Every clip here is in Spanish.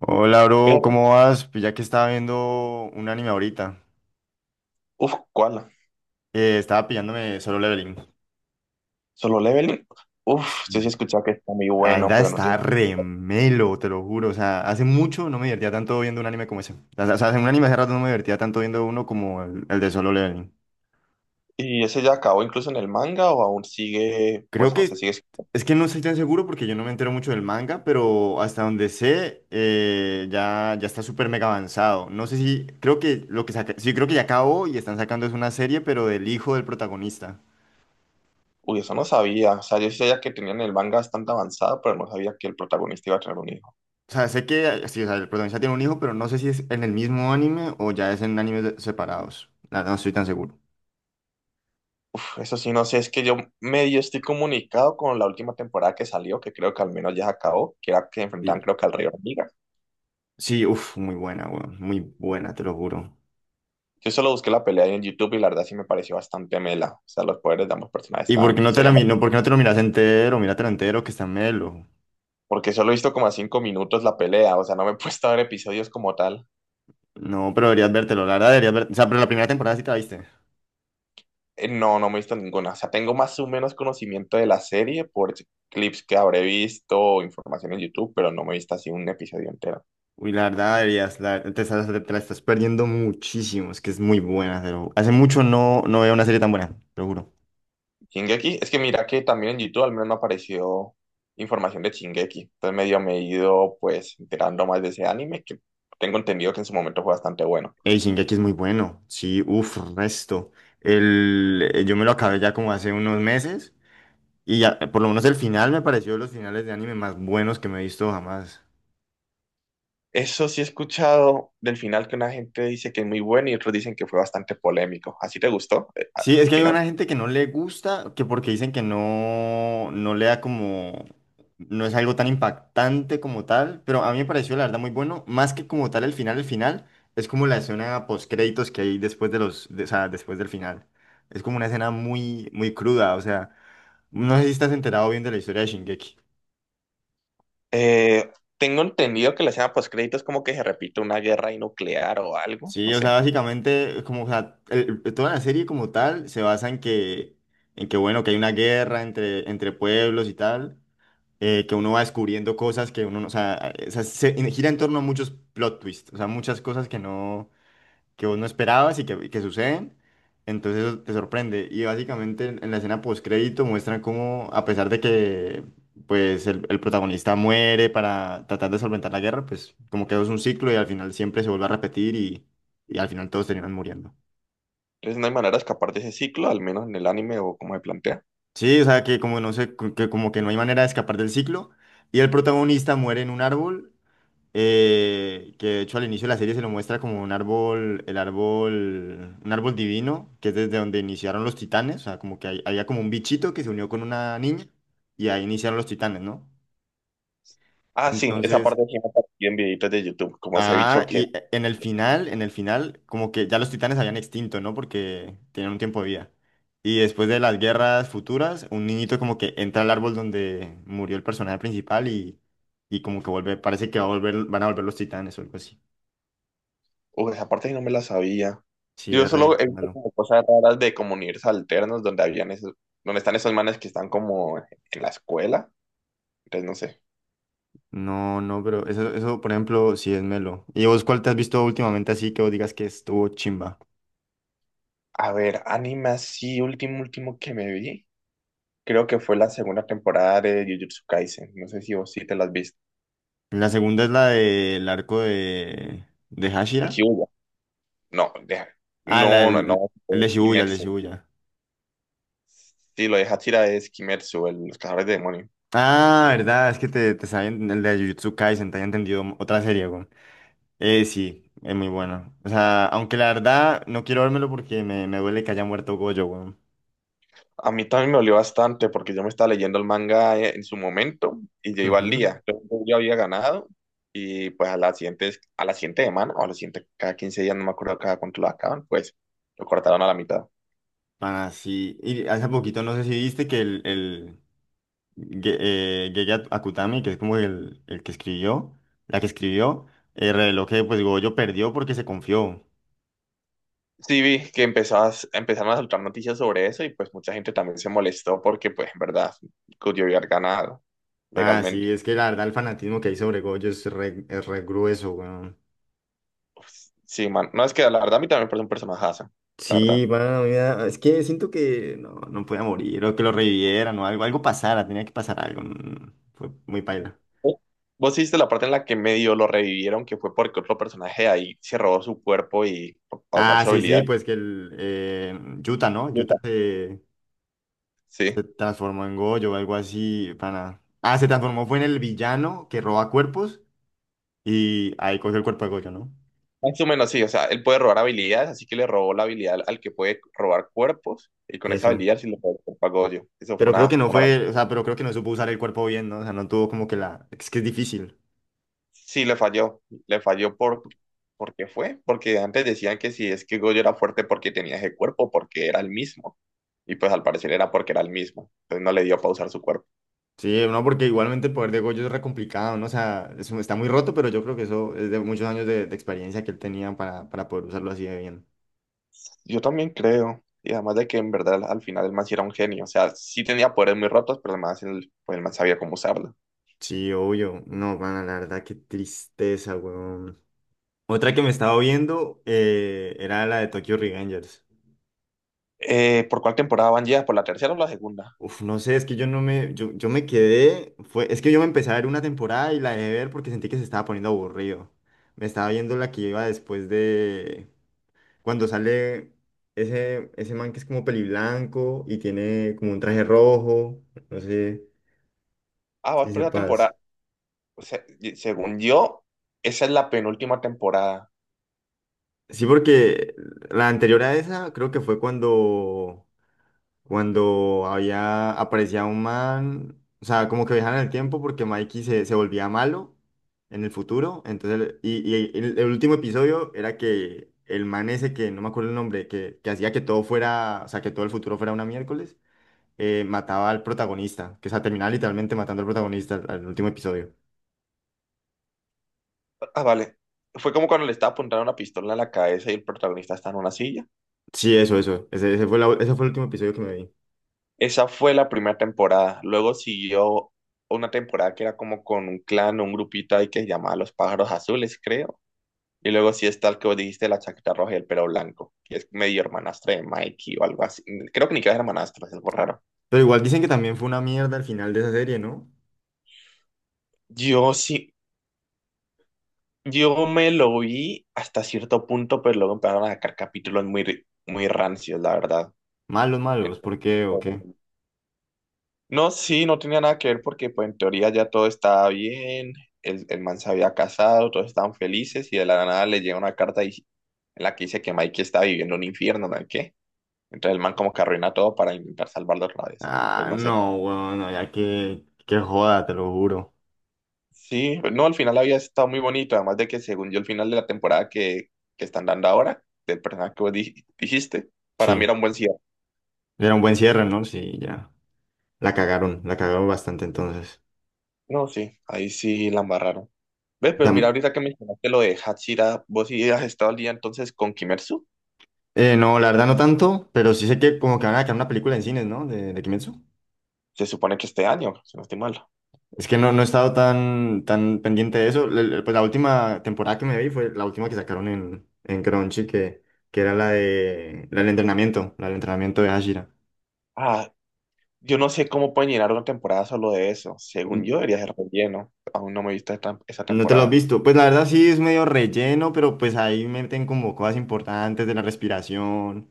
Hola, bro, Ve- ¿cómo vas? Pues ya que estaba viendo un anime ahorita, Uf, ¿cuál? Estaba pillándome Solo Leveling. Solo Leveling. Uf, sí, sí he Sí, escuchado que está muy la bueno, verdad pero no está tiene. remelo, te lo juro. O sea, hace mucho no me divertía tanto viendo un anime como ese. O sea, en un anime hace rato no me divertía tanto viendo uno como el de Solo Leveling. ¿Y ese ya acabó incluso en el manga o aún sigue? Creo Pues aún se que sigue. es que no estoy tan seguro porque yo no me entero mucho del manga, pero hasta donde sé, ya está súper mega avanzado. No sé si, creo que lo que saca, sí, creo que ya acabó y están sacando es una serie, pero del hijo del protagonista. Uy, eso no sabía. O sea, yo sí sabía que tenían el manga bastante avanzado, pero no sabía que el protagonista iba a tener un hijo. O sea, sé que sí, o sea, el protagonista tiene un hijo, pero no sé si es en el mismo anime o ya es en separados. La verdad, no estoy tan seguro. Uf, eso sí, no sé, es que yo medio estoy comunicado con la última temporada que salió, que creo que al menos ya se acabó, que era que enfrentaban Sí, creo que al Rey Hormiga. sí, uff, muy buena, weón. Muy buena, te lo juro. Yo solo busqué la pelea ahí en YouTube y la verdad sí me pareció bastante mela. O sea, los poderes de ambos personajes ¿Y por qué estaban, no serían por qué no te lo miras entero? Míratelo entero, que está melo. porque solo he visto como a 5 minutos la pelea, o sea, no me he puesto a ver episodios como tal. No, pero deberías vértelo, la verdad deberías ver. O sea, pero la primera temporada sí te la viste. No, no me he visto ninguna. O sea, tengo más o menos conocimiento de la serie por clips que habré visto o información en YouTube, pero no me he visto así un episodio entero. Uy, la verdad deberías, te la estás perdiendo muchísimo. Es que es muy buena, pero hace mucho no veo una serie tan buena, te lo juro. Shingeki, es que mira que también en YouTube al menos no apareció información de Shingeki. Entonces medio me he ido pues enterando más de ese anime que tengo entendido que en su momento fue bastante bueno. Ey, Shingeki es muy bueno. Sí, uff, resto. Yo me lo acabé ya como hace unos meses. Y ya, por lo menos el final me pareció de los finales de anime más buenos que me he visto jamás. Eso sí he escuchado del final que una gente dice que es muy bueno y otros dicen que fue bastante polémico. ¿Así te gustó Sí, es el que hay una final? gente que no le gusta, que porque dicen que no le da como, no es algo tan impactante como tal, pero a mí me pareció la verdad muy bueno, más que como tal el final es como la escena post créditos que hay después de o sea, después del final. Es como una escena muy cruda, o sea. No sé si estás enterado bien de la historia de Shingeki. Eh, tengo entendido que la escena postcrédito es como que se repite una guerra ahí nuclear o algo, Sí, no o sea, sé. básicamente, es como, o sea, toda la serie como tal se basa en que, bueno, que hay una guerra entre pueblos y tal, que uno va descubriendo cosas que uno no, o sea, gira en torno a muchos plot twists, o sea, muchas cosas que no, que vos no esperabas y que suceden, entonces eso te sorprende. Y básicamente en la escena postcrédito muestran cómo, a pesar de que pues el protagonista muere para tratar de solventar la guerra, pues como que eso es un ciclo y al final siempre se vuelve a repetir y al final todos terminan muriendo. Entonces no hay manera de escapar de ese ciclo, al menos en el anime o como se plantea. Sí, o sea que como no sé, que como que no hay manera de escapar del ciclo y el protagonista muere en un árbol que de hecho al inicio de la serie se lo muestra como un árbol, el árbol, un árbol divino, que es desde donde iniciaron los titanes, o sea, como que había como un bichito que se unió con una niña y ahí iniciaron los titanes, ¿no? Ah, sí, esa Entonces, parte sí me apareció en videitos de YouTube, como ese bicho ah, que, y en el final, como que ya los titanes habían extinto, ¿no? Porque tenían un tiempo de vida. Y después de las guerras futuras, un niñito como que entra al árbol donde murió el personaje principal y como que vuelve, parece que va a volver, van a volver los titanes o algo así. uy, esa parte sí no me la sabía. Sí, Yo es re solo he visto malo. como cosas raras de como universos alternos donde habían esos, donde están esos manes que están como en la escuela, entonces no sé. No, pero eso, por ejemplo, sí es melo. ¿Y vos cuál te has visto últimamente así que vos digas que estuvo chimba? A ver, anime así, último, último que me vi, creo que fue la segunda temporada de Jujutsu Kaisen, no sé si vos sí te las viste. La segunda es la del arco de Aquí Hashira. hubo. No, deja. Ah, la No, no, del, no. el de Es Shibuya, el de Kimetsu. Shibuya. Sí, lo de Hachira es Kimetsu, el, los cazadores de demonios. Ah, verdad, es que te saben el de Jujutsu Kaisen, te haya entendido otra serie, güey. Sí, es muy bueno. O sea, aunque la verdad no quiero vérmelo porque me duele que haya muerto Gojo, güey. A mí también me dolió bastante porque yo me estaba leyendo el manga en su momento y yo iba al Ujú. día. Yo ya había ganado y pues a la siguiente semana o a la siguiente, cada 15 días, no me acuerdo cada cuánto lo acaban, pues lo cortaron a la mitad. Pana, sí. Y hace poquito no sé si viste que Ge- llegué a Kutami, que es como el que escribió, la que escribió, reveló que pues Goyo perdió porque se confió. Sí, vi que empezabas, empezaron a soltar noticias sobre eso y pues mucha gente también se molestó porque pues en verdad, yo había ganado Ah, sí, legalmente. es que la verdad el fanatismo que hay sobre Goyo es re grueso, weón. Sí, man. No, es que la verdad a mí también me parece un personajazo, la Sí, verdad. bueno, mira, es que siento que no podía morir, o que lo revivieran, o algo, algo pasara, tenía que pasar algo. Fue muy paila. Vos vos hiciste la parte en la que medio lo revivieron, que fue porque otro personaje ahí se robó su cuerpo y para usar Ah, su sí, sí, habilidad. pues que el Yuta, ¿no? Yuta. Se Sí. transformó en Goyo o algo así, pana. Ah, se transformó, fue en el villano que roba cuerpos. Y ahí cogió el cuerpo de Goyo, ¿no? Más o menos sí, o sea, él puede robar habilidades, así que le robó la habilidad al que puede robar cuerpos, y con esa Eso. habilidad sí le robó el cuerpo a Goyo. Eso fue Pero creo que no una fue, locura. o sea, pero creo que no supo usar el cuerpo bien, ¿no? O sea, no tuvo como que la... Es que es difícil. Sí, le falló. Le falló ¿por qué fue? Porque antes decían que si es que Goyo era fuerte porque tenía ese cuerpo, porque era el mismo. Y pues al parecer era porque era el mismo. Entonces no le dio para usar su cuerpo. Sí, no, porque igualmente el poder de Goyo es re complicado, ¿no? O sea, está muy roto, pero yo creo que eso es de muchos años de experiencia que él tenía para poder usarlo así de bien. Yo también creo. Y además de que en verdad al final el man sí era un genio. O sea, sí tenía poderes muy rotos, pero además el, man, sí- pues el man sabía cómo usarlo. Sí, obvio. No, van la verdad, qué tristeza, weón. Otra que Sí. me estaba viendo era la de Tokyo Revengers. ¿Por cuál temporada van ya? ¿Por la tercera o la segunda? Uf, no sé, es que yo no me, yo me quedé, fue, es que yo me empecé a ver una temporada y la dejé ver porque sentí que se estaba poniendo aburrido. Me estaba viendo la que iba después de cuando sale ese man que es como peliblanco y tiene como un traje rojo, no sé Ah, vas si por la sepas. temporada. O sea, según yo, esa es la penúltima temporada. Sí, porque la anterior a esa creo que fue cuando había, aparecía un man, o sea, como que viajaban en el tiempo porque se volvía malo en el futuro, entonces, el último episodio era que el man ese, que no me acuerdo el nombre, que hacía que todo fuera, o sea, que todo el futuro fuera una miércoles, mataba al protagonista, que o sea, terminaba literalmente matando al protagonista al último episodio. Ah, vale. Fue como cuando le estaba apuntando una pistola a la cabeza y el protagonista está en una silla. Sí, ese fue ese fue el último episodio que me vi. Esa fue la primera temporada. Luego siguió una temporada que era como con un clan, un grupito ahí que se llamaba Los Pájaros Azules, creo. Y luego sí está el que vos dijiste, la chaqueta roja y el pelo blanco, que es medio hermanastra de Mikey o algo así. Creo que ni que era hermanastra, es algo raro. Pero igual dicen que también fue una mierda al final de esa serie, ¿no? Yo sí, yo me lo vi hasta cierto punto, pero luego empezaron a sacar capítulos muy, muy rancios, la verdad. Malos, malos, ¿por Entonces, qué o qué? no, sí, no tenía nada que ver porque pues en teoría ya todo estaba bien, el man se había casado, todos estaban felices y de la nada le llega una carta en la que dice que Mikey está viviendo un infierno, ¿no? ¿Qué? Entonces el man como que arruina todo para intentar salvarlo otra vez. Pues Ah, no sé. no, weón, no, ya que joda, te lo juro. Sí, pues, no, al final había estado muy bonito, además de que según yo el final de la temporada que están dando ahora, del personaje que vos dijiste, para mí era Sí, un buen cierre. era un buen cierre, ¿no? Sí, ya. La cagaron bastante entonces. No, sí, ahí sí la embarraron. Ve, pero Tam- mira ahorita que mencionaste lo de Hachira, vos sí has estado al día entonces con Kimetsu. No, la verdad no tanto, pero sí sé que como que van a sacar una película en cines, ¿no? De Kimetsu. Se supone que este año, si no estoy mal. Es que no, no he estado tan, tan pendiente de eso. Pues la última temporada que me vi fue la última que sacaron en Crunchy, que era la de, la del entrenamiento de Hashira. Ah, yo no sé cómo pueden llenar una temporada solo de eso. Según yo, debería ser relleno. Aún no me he visto esa No te lo has temporada. visto. Pues la verdad sí es medio relleno, pero pues ahí meten como cosas importantes de la respiración,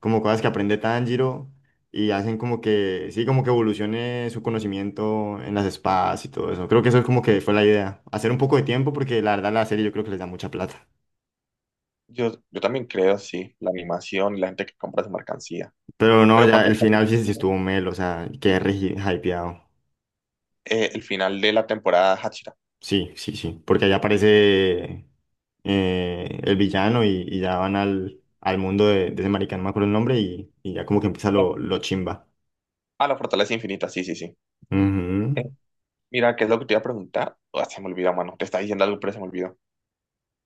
como cosas que aprende Tanjiro y hacen como que, sí, como que evolucione su conocimiento en las espadas y todo eso. Creo que eso es como que fue la idea. Hacer un poco de tiempo porque la verdad la serie yo creo que les da mucha plata. Yo también creo, sí, la animación y la gente que compra su mercancía. Pero no, Pero ya ¿cuántos el final sí, capítulos sí tiene? estuvo melo, o sea, quedé re hypeado. El final de la temporada Hachira. Sí, sí, sí, porque allá aparece el villano y ya van al mundo de ese marica, no me acuerdo el nombre, y ya como que empieza lo chimba. Ah, la fortaleza infinita, sí, sí, sí. Ujú. Eh, mira, ¿qué es lo que te iba a preguntar? Ah, se me olvidó, mano. Te estaba diciendo algo, pero se me olvidó.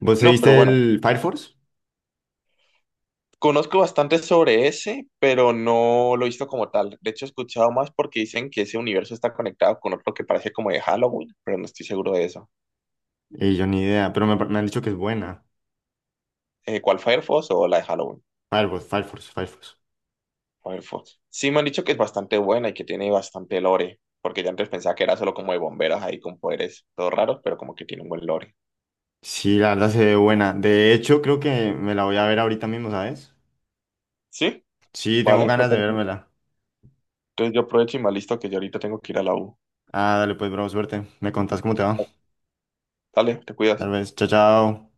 ¿Vos te No, pero viste bueno, el Fire Force? conozco bastante sobre ese, pero no lo he visto como tal. De hecho, he escuchado más porque dicen que ese universo está conectado con otro que parece como de Halloween, pero no estoy seguro de eso. Yo ni idea, pero me han dicho que es buena. ¿Cuál, Firefox o la de Halloween? Fire Force. Firefox. Sí, me han dicho que es bastante buena y que tiene bastante lore, porque ya antes pensaba que era solo como de bomberos ahí con poderes todos raros, pero como que tiene un buen lore. Sí, la verdad se ve buena. De hecho, creo que me la voy a ver ahorita mismo, ¿sabes? Sí, Sí, tengo vale, me ganas de parece. vérmela. Entonces yo aprovecho y me listo que yo ahorita tengo que ir a la U. Ah, dale pues, bro, suerte. Me contás cómo te va. Dale, te Tal cuidas. vez, chao, chao.